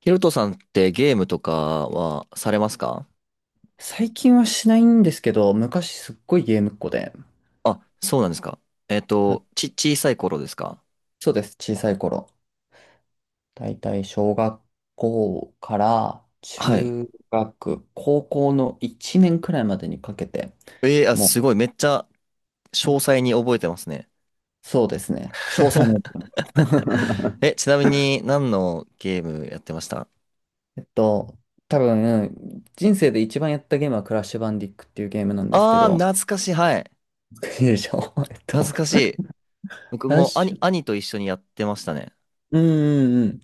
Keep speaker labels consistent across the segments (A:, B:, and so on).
A: ヒロトさんってゲームとかはされますか？
B: 最近はしないんですけど、昔すっごいゲームっ子で。
A: あ、そうなんですか。
B: あ、
A: 小さい頃ですか？
B: そうです、小さい頃。だいたい小学校から
A: はい。
B: 中学、高校の1年くらいまでにかけて、
A: あ、す
B: も
A: ごい。めっちゃ
B: う、
A: 詳
B: はい、
A: 細に覚えてますね。
B: そうですね、詳細も。
A: え、ちなみに何のゲームやってました？
B: えっと、多分、人生で一番やったゲームはクラッシュバンディックっていうゲームなんですけ
A: あー、
B: ど、
A: 懐かしい。はい。
B: いい でしょう えっ
A: 懐
B: と、
A: かしい。僕
B: クラッ
A: も
B: シュ、
A: 兄と一緒にやってましたね。
B: うんうん、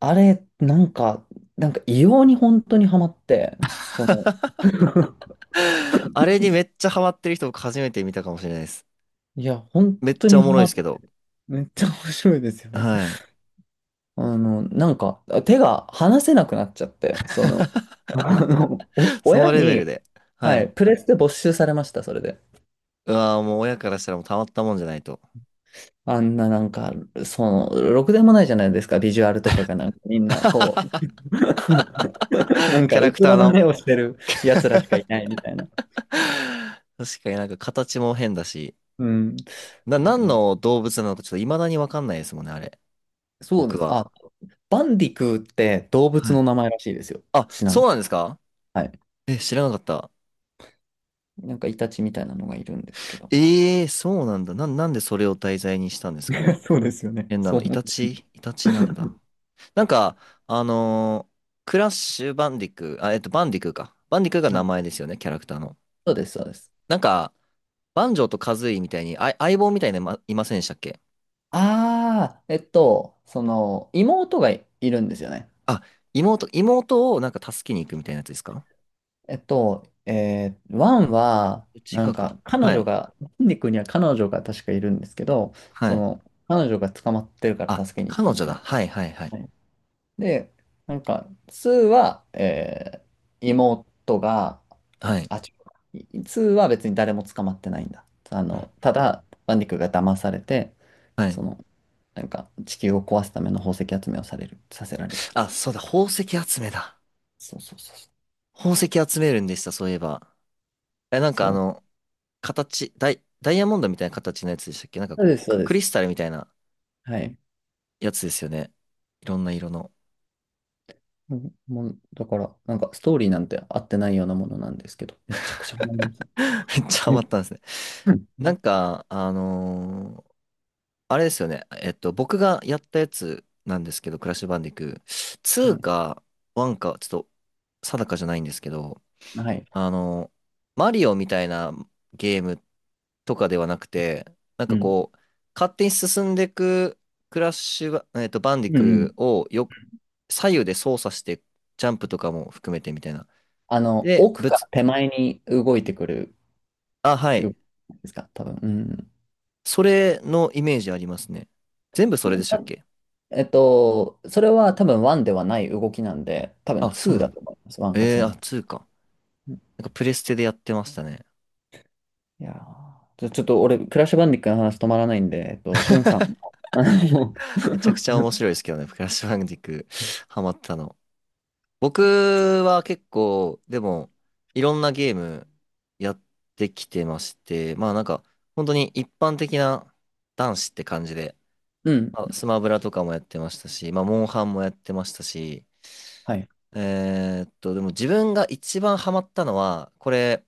B: あれ、なんか異様に本当にハマって、その、
A: あれにめっちゃハマってる人僕初めて見たかもしれないです。
B: いや、本
A: めっ
B: 当
A: ちゃ
B: に
A: おも
B: ハ
A: ろい
B: マ
A: で
B: っ
A: すけ
B: た。
A: ど。
B: めっちゃ面白いですよね。
A: はい。
B: なんか、手が離せなくなっちゃって、お
A: そ
B: 親
A: のレベル
B: に、
A: で。は
B: はい、
A: い。
B: プレステ没収されました、それで。
A: うわーもう親からしたらもうたまったもんじゃないと。
B: あんな、なんか、そろくでもないじゃないですか、ビジュアルとかがなんかみんな、こう、なん
A: キャ
B: か、
A: ラ
B: う
A: ク
B: つ
A: ター
B: ろな
A: の。
B: 目をしてる やつらしかいないみたいな。
A: 確かになんか形も変だし、
B: うん。
A: 何の動物なのかちょっと未だにわかんないですもんね、あれ。
B: そうで
A: 僕
B: す。
A: は。
B: あ、バンディクーって動物
A: は
B: の
A: い。
B: 名前らしいですよ。
A: あ、
B: ちなみ
A: そ
B: に。
A: うなんですか？
B: はい。
A: え、知らなかった。
B: なんかイタチみたいなのがいるんですけど。
A: ええー、そうなんだ。なんでそれを題材にしたんですかね。
B: そうですよね。
A: 変な
B: そう
A: の、イ
B: 思う。
A: タチイタチなんだ。なんか、あのークラッシュバンディク、あ、バンディクーか。バンディクーが
B: は
A: 名
B: い。
A: 前ですよね、キャラクターの。
B: そうです、そうです。
A: なんか、バンジョーとカズイみたいに、あ、相棒みたいなのいまいませんでしたっけ？
B: ああ、妹がいるんですよね。
A: あ、妹をなんか助けに行くみたいなやつですか？
B: ワンは、
A: 違
B: なん
A: うか。
B: か、彼
A: は
B: 女
A: い。
B: が、バンディクーには彼女が確かいるんですけど、
A: は
B: そ
A: い。
B: の、彼女が捕まってるから
A: あ、
B: 助けに行
A: 彼
B: くみ
A: 女
B: た
A: だ。
B: いな。
A: はいはいはい。
B: で、なんか、ツーは、妹が、
A: はい。
B: あ、違う、ツーは別に誰も捕まってないんだ。
A: うん。
B: ただ、バンディクが騙されて、
A: はい。
B: その、なんか、地球を壊すための宝石集めをされる、させられるって
A: あ、
B: いう。
A: そうだ。宝石集めだ。
B: そうそうそうそう。
A: 宝石集めるんでした、そういえば。え、なん
B: そ
A: かあ
B: う
A: の、形、ダイヤモンドみたいな形のやつでしたっけ？なんか
B: そうで
A: こう、
B: す、そうで
A: クリ
B: す。
A: スタルみたいな
B: はい。
A: やつですよね。いろんな色の。
B: うん、もう、だから、なんか、ストーリーなんて合ってないようなものなんですけど、めちゃくちゃ思います。
A: めっちゃハ
B: う
A: マっ
B: ん
A: たんですね。
B: う
A: な
B: ん、
A: んか、あれですよね。僕がやったやつなんですけど、クラッシュバンディクー。
B: は
A: 2
B: い。
A: か1か、ちょっと定かじゃないんですけど、
B: はい。
A: あの、マリオみたいなゲームとかではなくて、なん
B: う
A: か
B: ん。
A: こう、勝手に進んでいくクラッシュバ、バンデ
B: う
A: ィ
B: んうん。
A: クーをよ、左右で操作して、ジャンプとかも含めてみたいな。で、
B: 奥から手前に動いてくる
A: あ、は
B: よ
A: い。
B: ですか、多分。
A: それのイメージありますね。全部それ
B: う
A: で
B: ん。
A: したっ
B: た
A: け？
B: えっと、それは多分1ではない動きなんで、多分
A: あ、そう
B: 2
A: なん
B: だ
A: だ。
B: と思います。1か2
A: あ、
B: なら。
A: 2か。
B: うん、
A: なんかプレステでやってましたね。
B: いやー、ちょっと俺、クラッシュバンディックの話止まらないんで、しゅんさん。あの
A: めちゃくちゃ面 白いですけどね、クラッシュバンディクーハマったの。僕は結構、でも、いろんなゲームやってきてまして、まあなんか、本当に一般的な男子って感じで、
B: うん。
A: まあ、スマブラとかもやってましたし、まあ、モンハンもやってましたし、
B: はい。
A: でも自分が一番ハマったのは、これ、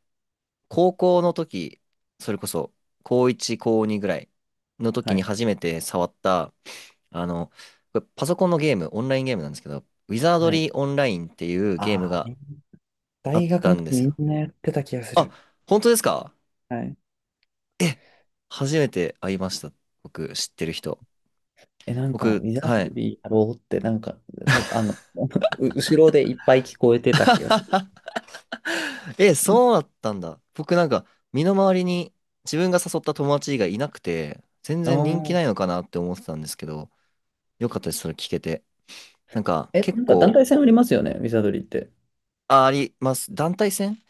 A: 高校の時、それこそ、高1、高2ぐらいの時
B: は
A: に
B: い。
A: 初めて触った、あの、これパソコンのゲーム、オンラインゲームなんですけど、ウィザード
B: はい。
A: リーオンラインっていうゲーム
B: ああ、
A: があっ
B: 大学
A: た
B: の
A: ん
B: 時
A: です
B: みん
A: よ。
B: なやってた気がす
A: あ、
B: る。
A: 本当ですか？
B: はい。
A: 初めて会いました。僕、知ってる人。
B: え、なんか、ウ
A: 僕、
B: ィザ
A: は
B: ード
A: い。
B: リーやろうって、なんか、た、あの、後ろでいっぱい聞こえてた気がする。
A: え、そうだったんだ。僕なんか、身の回りに自分が誘った友達以外いなくて、全
B: あ
A: 然人気
B: あ。
A: ないのかなって思ってたんですけど、よかったです、それ聞けて。なんか、
B: え、
A: 結
B: なんか団
A: 構、
B: 体戦ありますよね、ウィザードリーって。
A: あ、あります。団体戦？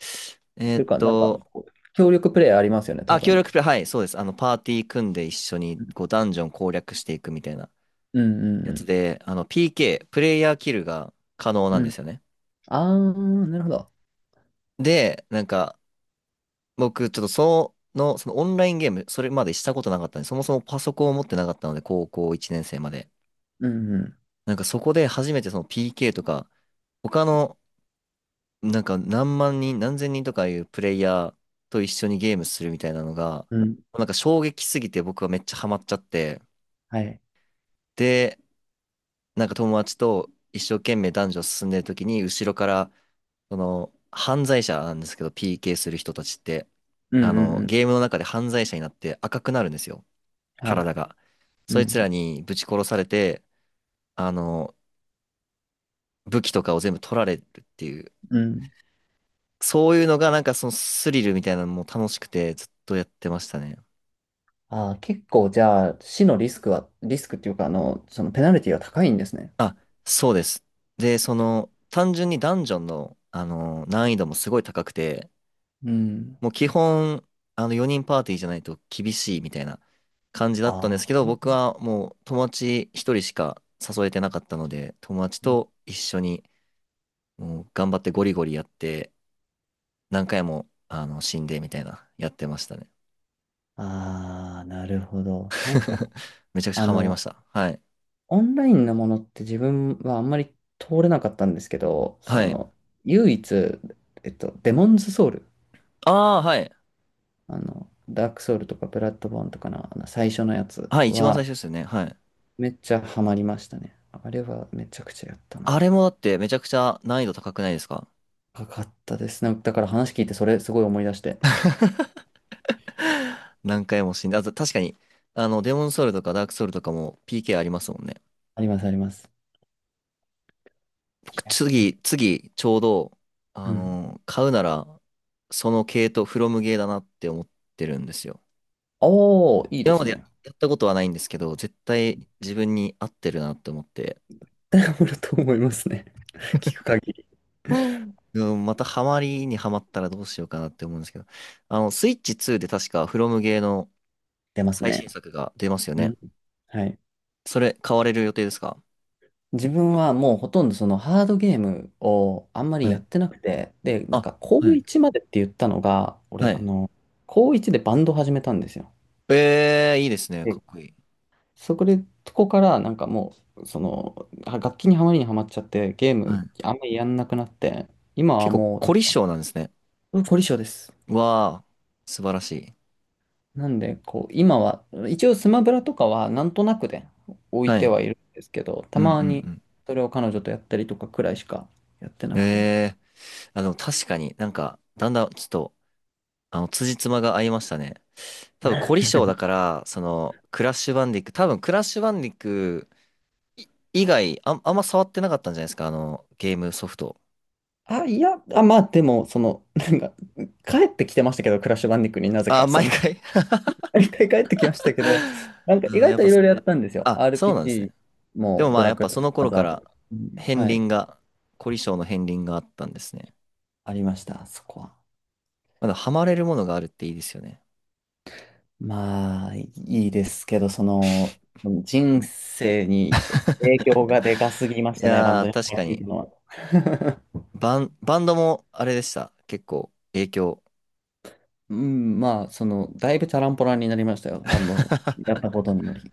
A: え
B: て
A: ー
B: い
A: っ
B: うか、なんか、
A: と、
B: 協力プレイありますよね、多
A: あ、協
B: 分。
A: 力プレイ、はい、そうです。あの、パーティー組んで一緒に、
B: うん
A: こう、ダンジョン攻略していくみたいな
B: う
A: やつ
B: ん
A: で、あの、PK、プレイヤーキルが可能
B: う
A: なん
B: ん。う
A: で
B: ん。
A: すよね。
B: あー、なるほど。
A: で、なんか、僕、ちょっとその、そのオンラインゲーム、それまでしたことなかったんで、そもそもパソコンを持ってなかったので、高校1年生まで。
B: うんう
A: なんかそこで初めてその PK とか、他の、なんか何万人、何千人とかいうプレイヤーと一緒にゲームするみたいなのが、
B: ん。うん。
A: なんか衝撃すぎて僕はめっちゃハマっちゃって、
B: はい。
A: で、なんか友達と一生懸命男女進んでる時に、後ろから、その、犯罪者なんですけど、PK する人たちって、
B: うんう
A: あ
B: んう
A: の、
B: ん。
A: ゲームの中で犯罪者になって赤くなるんですよ。
B: はい。
A: 体が。
B: う
A: そいつら
B: ん。
A: にぶち殺されて、あの、武器とかを全部取られるっていう。
B: うん。
A: そういうのがなんかそのスリルみたいなのも楽しくてずっとやってましたね。
B: あー、結構じゃあ、死のリスクは、リスクっていうか、そのペナルティは高いんですね。
A: あ、そうです。で、その、単純にダンジョンの、あの、難易度もすごい高くて、
B: うん。
A: もう基本、あの、4人パーティーじゃないと厳しいみたいな感じだ
B: あ
A: ったんですけど、僕
B: ー
A: はもう友達1人しか誘えてなかったので、友達と一緒にもう頑張ってゴリゴリやって、何回も、あの、死んでみたいな、やってましたね。
B: あー、なるほど。なんか、
A: めちゃくちゃ
B: あ
A: ハマりまし
B: の、
A: た。はい。
B: オンラインのものって自分はあんまり通れなかったんですけど、
A: はい。
B: 唯一、デモンズソウル、
A: ああ、はい。
B: ダークソウルとかブラッドボーンとかの、あの最初のやつ
A: はい、一番最
B: は
A: 初ですよね。はい。
B: めっちゃハマりましたね。あれはめちゃくちゃやったな。
A: あれもだってめちゃくちゃ難易度高くないですか？
B: かかったですね。だから話聞いてそれすごい思い出して。
A: 何回も死んで、あと確かに、あの、デモンソウルとかダークソウルとかも PK ありますもんね。
B: ありますあります。い
A: 僕、
B: や、
A: 次、ちょうど、
B: う
A: あ
B: ん。
A: の、買うなら、その系統、フロムゲーだなって思ってるんですよ。
B: おー、いいで
A: 今ま
B: す
A: で
B: ね。
A: やったことはないんですけど、絶対自分に合ってるなって思って、
B: ダブルと思いますね。聞く限り。
A: うんうんまたハマりにハマったらどうしようかなって思うんですけど。あの、スイッチ2で確かフロムゲーの
B: 出ます
A: 最
B: ね。
A: 新作が出ますよ
B: う
A: ね。
B: ん。はい。
A: それ買われる予定ですか？
B: 自分はもうほとんどそのハードゲームをあんまり
A: は
B: や
A: い。
B: ってなくて、で、なん
A: あ、
B: か高
A: はい。
B: 1までって言ったのが、
A: は
B: 俺、
A: い。
B: 高1でバンド始めたんですよ。
A: ええー、いいですね。か
B: で、
A: っこいい。
B: そこで、とこからなんかもう、楽器にはまりにはまっちゃって、ゲー
A: は
B: ム
A: い。
B: あんまりやんなくなって、今は
A: 結構
B: もう、
A: 凝り性なんですね。
B: うん、凝り性です。
A: わあ、素晴らしい。
B: なんで、こう、今は、一応スマブラとかはなんとなくで置い
A: は
B: て
A: い。
B: はいるんですけど、
A: う
B: た
A: ん
B: ま
A: う
B: に
A: ん
B: それを彼女とやったりとかくらいしかやって
A: う
B: な
A: ん。
B: くて。
A: ええー、あの、確かになんか、だんだんちょっと、あの、辻褄が合いましたね。多分凝り性だから、その、クラッシュバンディック、い以外、あんま触ってなかったんじゃないですか、あの、ゲームソフト。
B: あ、いや、あ、まあでも、その、なんか、帰ってきてましたけど、クラッシュバンディックになぜ
A: あ、
B: か、
A: 毎回
B: 一回帰ってきましたけど、なん か
A: う
B: 意
A: ん、や
B: 外
A: っ
B: と
A: ぱ
B: いろ
A: そ、
B: いろやったんですよ。
A: あ、そうなんですね。
B: RPG
A: で
B: も
A: もま
B: ド
A: あ、や
B: ラ
A: っ
B: クエ
A: ぱ
B: も
A: その
B: マ
A: 頃か
B: ザーとか。
A: ら、
B: うん、
A: 片
B: は
A: 鱗
B: い。
A: が、凝り性の片鱗があったんですね。
B: ありました、そこは。
A: まだハマれるものがあるっていいですよね。
B: まあ、いいですけど、人生に影響がでかすぎまし
A: い
B: たね、バン
A: や
B: ド
A: ー、
B: に
A: 確
B: 入
A: か
B: ってい
A: に。
B: たのは。
A: バンドもあれでした。結構、影響。
B: うん、まあ、だいぶチャランポランになりましたよ、バンドやっ たことにより。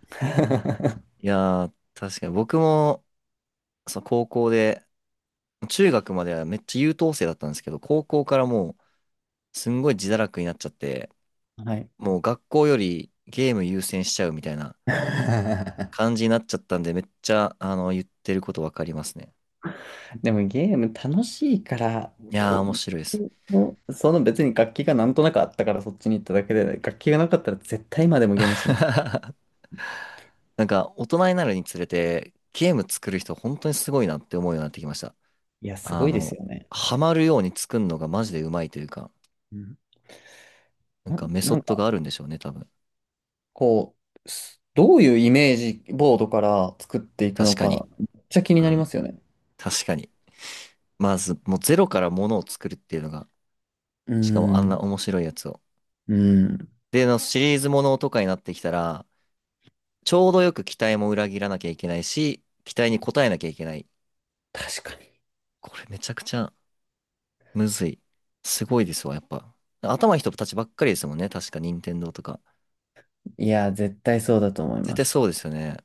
A: いやー、確かに僕も、そう、高校で、中学まではめっちゃ優等生だったんですけど、高校からもう、すんごい自堕落になっちゃって、
B: はい。
A: もう学校よりゲーム優先しちゃうみたいな 感じになっちゃったんで、めっちゃ、あの、言ってることわかりますね。
B: でもゲーム楽しいから
A: いやー、面白いです。
B: もう、別に楽器がなんとなくあったからそっちに行っただけで、楽器がなかったら絶対今でもゲームしてます。
A: なんか、大人になるにつれて、ゲーム作る人、本当にすごいなって思うようになってきました。
B: いや、す
A: あ
B: ごいです
A: の、
B: よね、あ
A: ハ
B: れ。
A: マるように作るのがマジでうまいというか、
B: うん。
A: なんかメソ
B: な
A: ッ
B: ん
A: ドが
B: か、
A: あるんでしょうね、多分。
B: こう、どういうイメージボードから作っていく
A: 確
B: の
A: かに。
B: か、めっちゃ気に
A: う
B: なり
A: ん。
B: ますよね。
A: 確かに。まず、もうゼロからものを作るっていうのが、
B: う
A: しかもあんな
B: ん、
A: 面白いやつを。
B: うん、
A: で、のシリーズものとかになってきたら、ちょうどよく期待も裏切らなきゃいけないし、期待に応えなきゃいけない。
B: 確かに。
A: これめちゃくちゃむずい。すごいですわ、やっぱ。頭いい人たちばっかりですもんね。確か、任天堂とか。
B: いや、絶対そうだと思い
A: 絶
B: ま
A: 対
B: す。
A: そうですよね。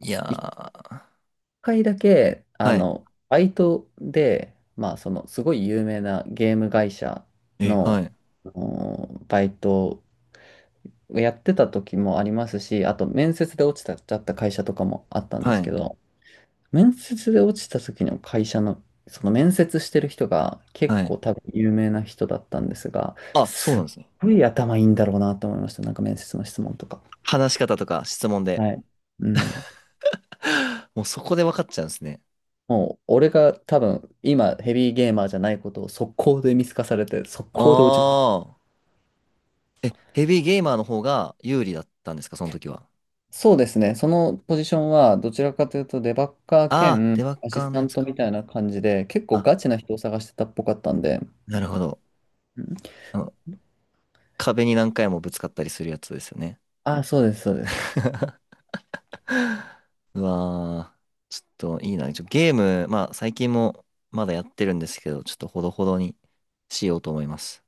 A: いや
B: 一
A: ー。
B: 回だけ、
A: はい。
B: バイトで、まあ、すごい有名なゲーム会社
A: え、は
B: の、
A: い。
B: あのバイトやってた時もありますし、あと面接で落ちた、ちゃった会社とかもあったんで
A: は
B: すけ
A: い。
B: ど、面接で落ちた時の会社の、その面接してる人が結
A: はい。
B: 構多分有名な人だったんですが、
A: あ、そう
B: す
A: な
B: っ
A: んですね。
B: ごい頭いいんだろうなと思いました。なんか面接の質問とか。
A: 話し方とか質問で。
B: はい。うん。
A: もうそこで分かっちゃうんですね。
B: もう、俺が多分今ヘビーゲーマーじゃないことを速攻で見透かされて、速
A: あ
B: 攻で落ち
A: あ。え、ヘビーゲーマーの方が有利だったんですか、その時は。
B: そうですね。そのポジションは、どちらかというと、デバッカー
A: ああ、
B: 兼
A: デバッ
B: アシ
A: カー
B: ス
A: の
B: タ
A: や
B: ン
A: つ
B: ト
A: か。
B: みたいな感じで、結構
A: あ、
B: ガチな人を探してたっぽかったんで。
A: なるほど。
B: うん、
A: あの、壁に何回もぶつかったりするやつですよね。
B: あ、そうです、そうです。
A: うわー、ちょっといいな。ゲーム、まあ最近もまだやってるんですけど、ちょっとほどほどにしようと思います。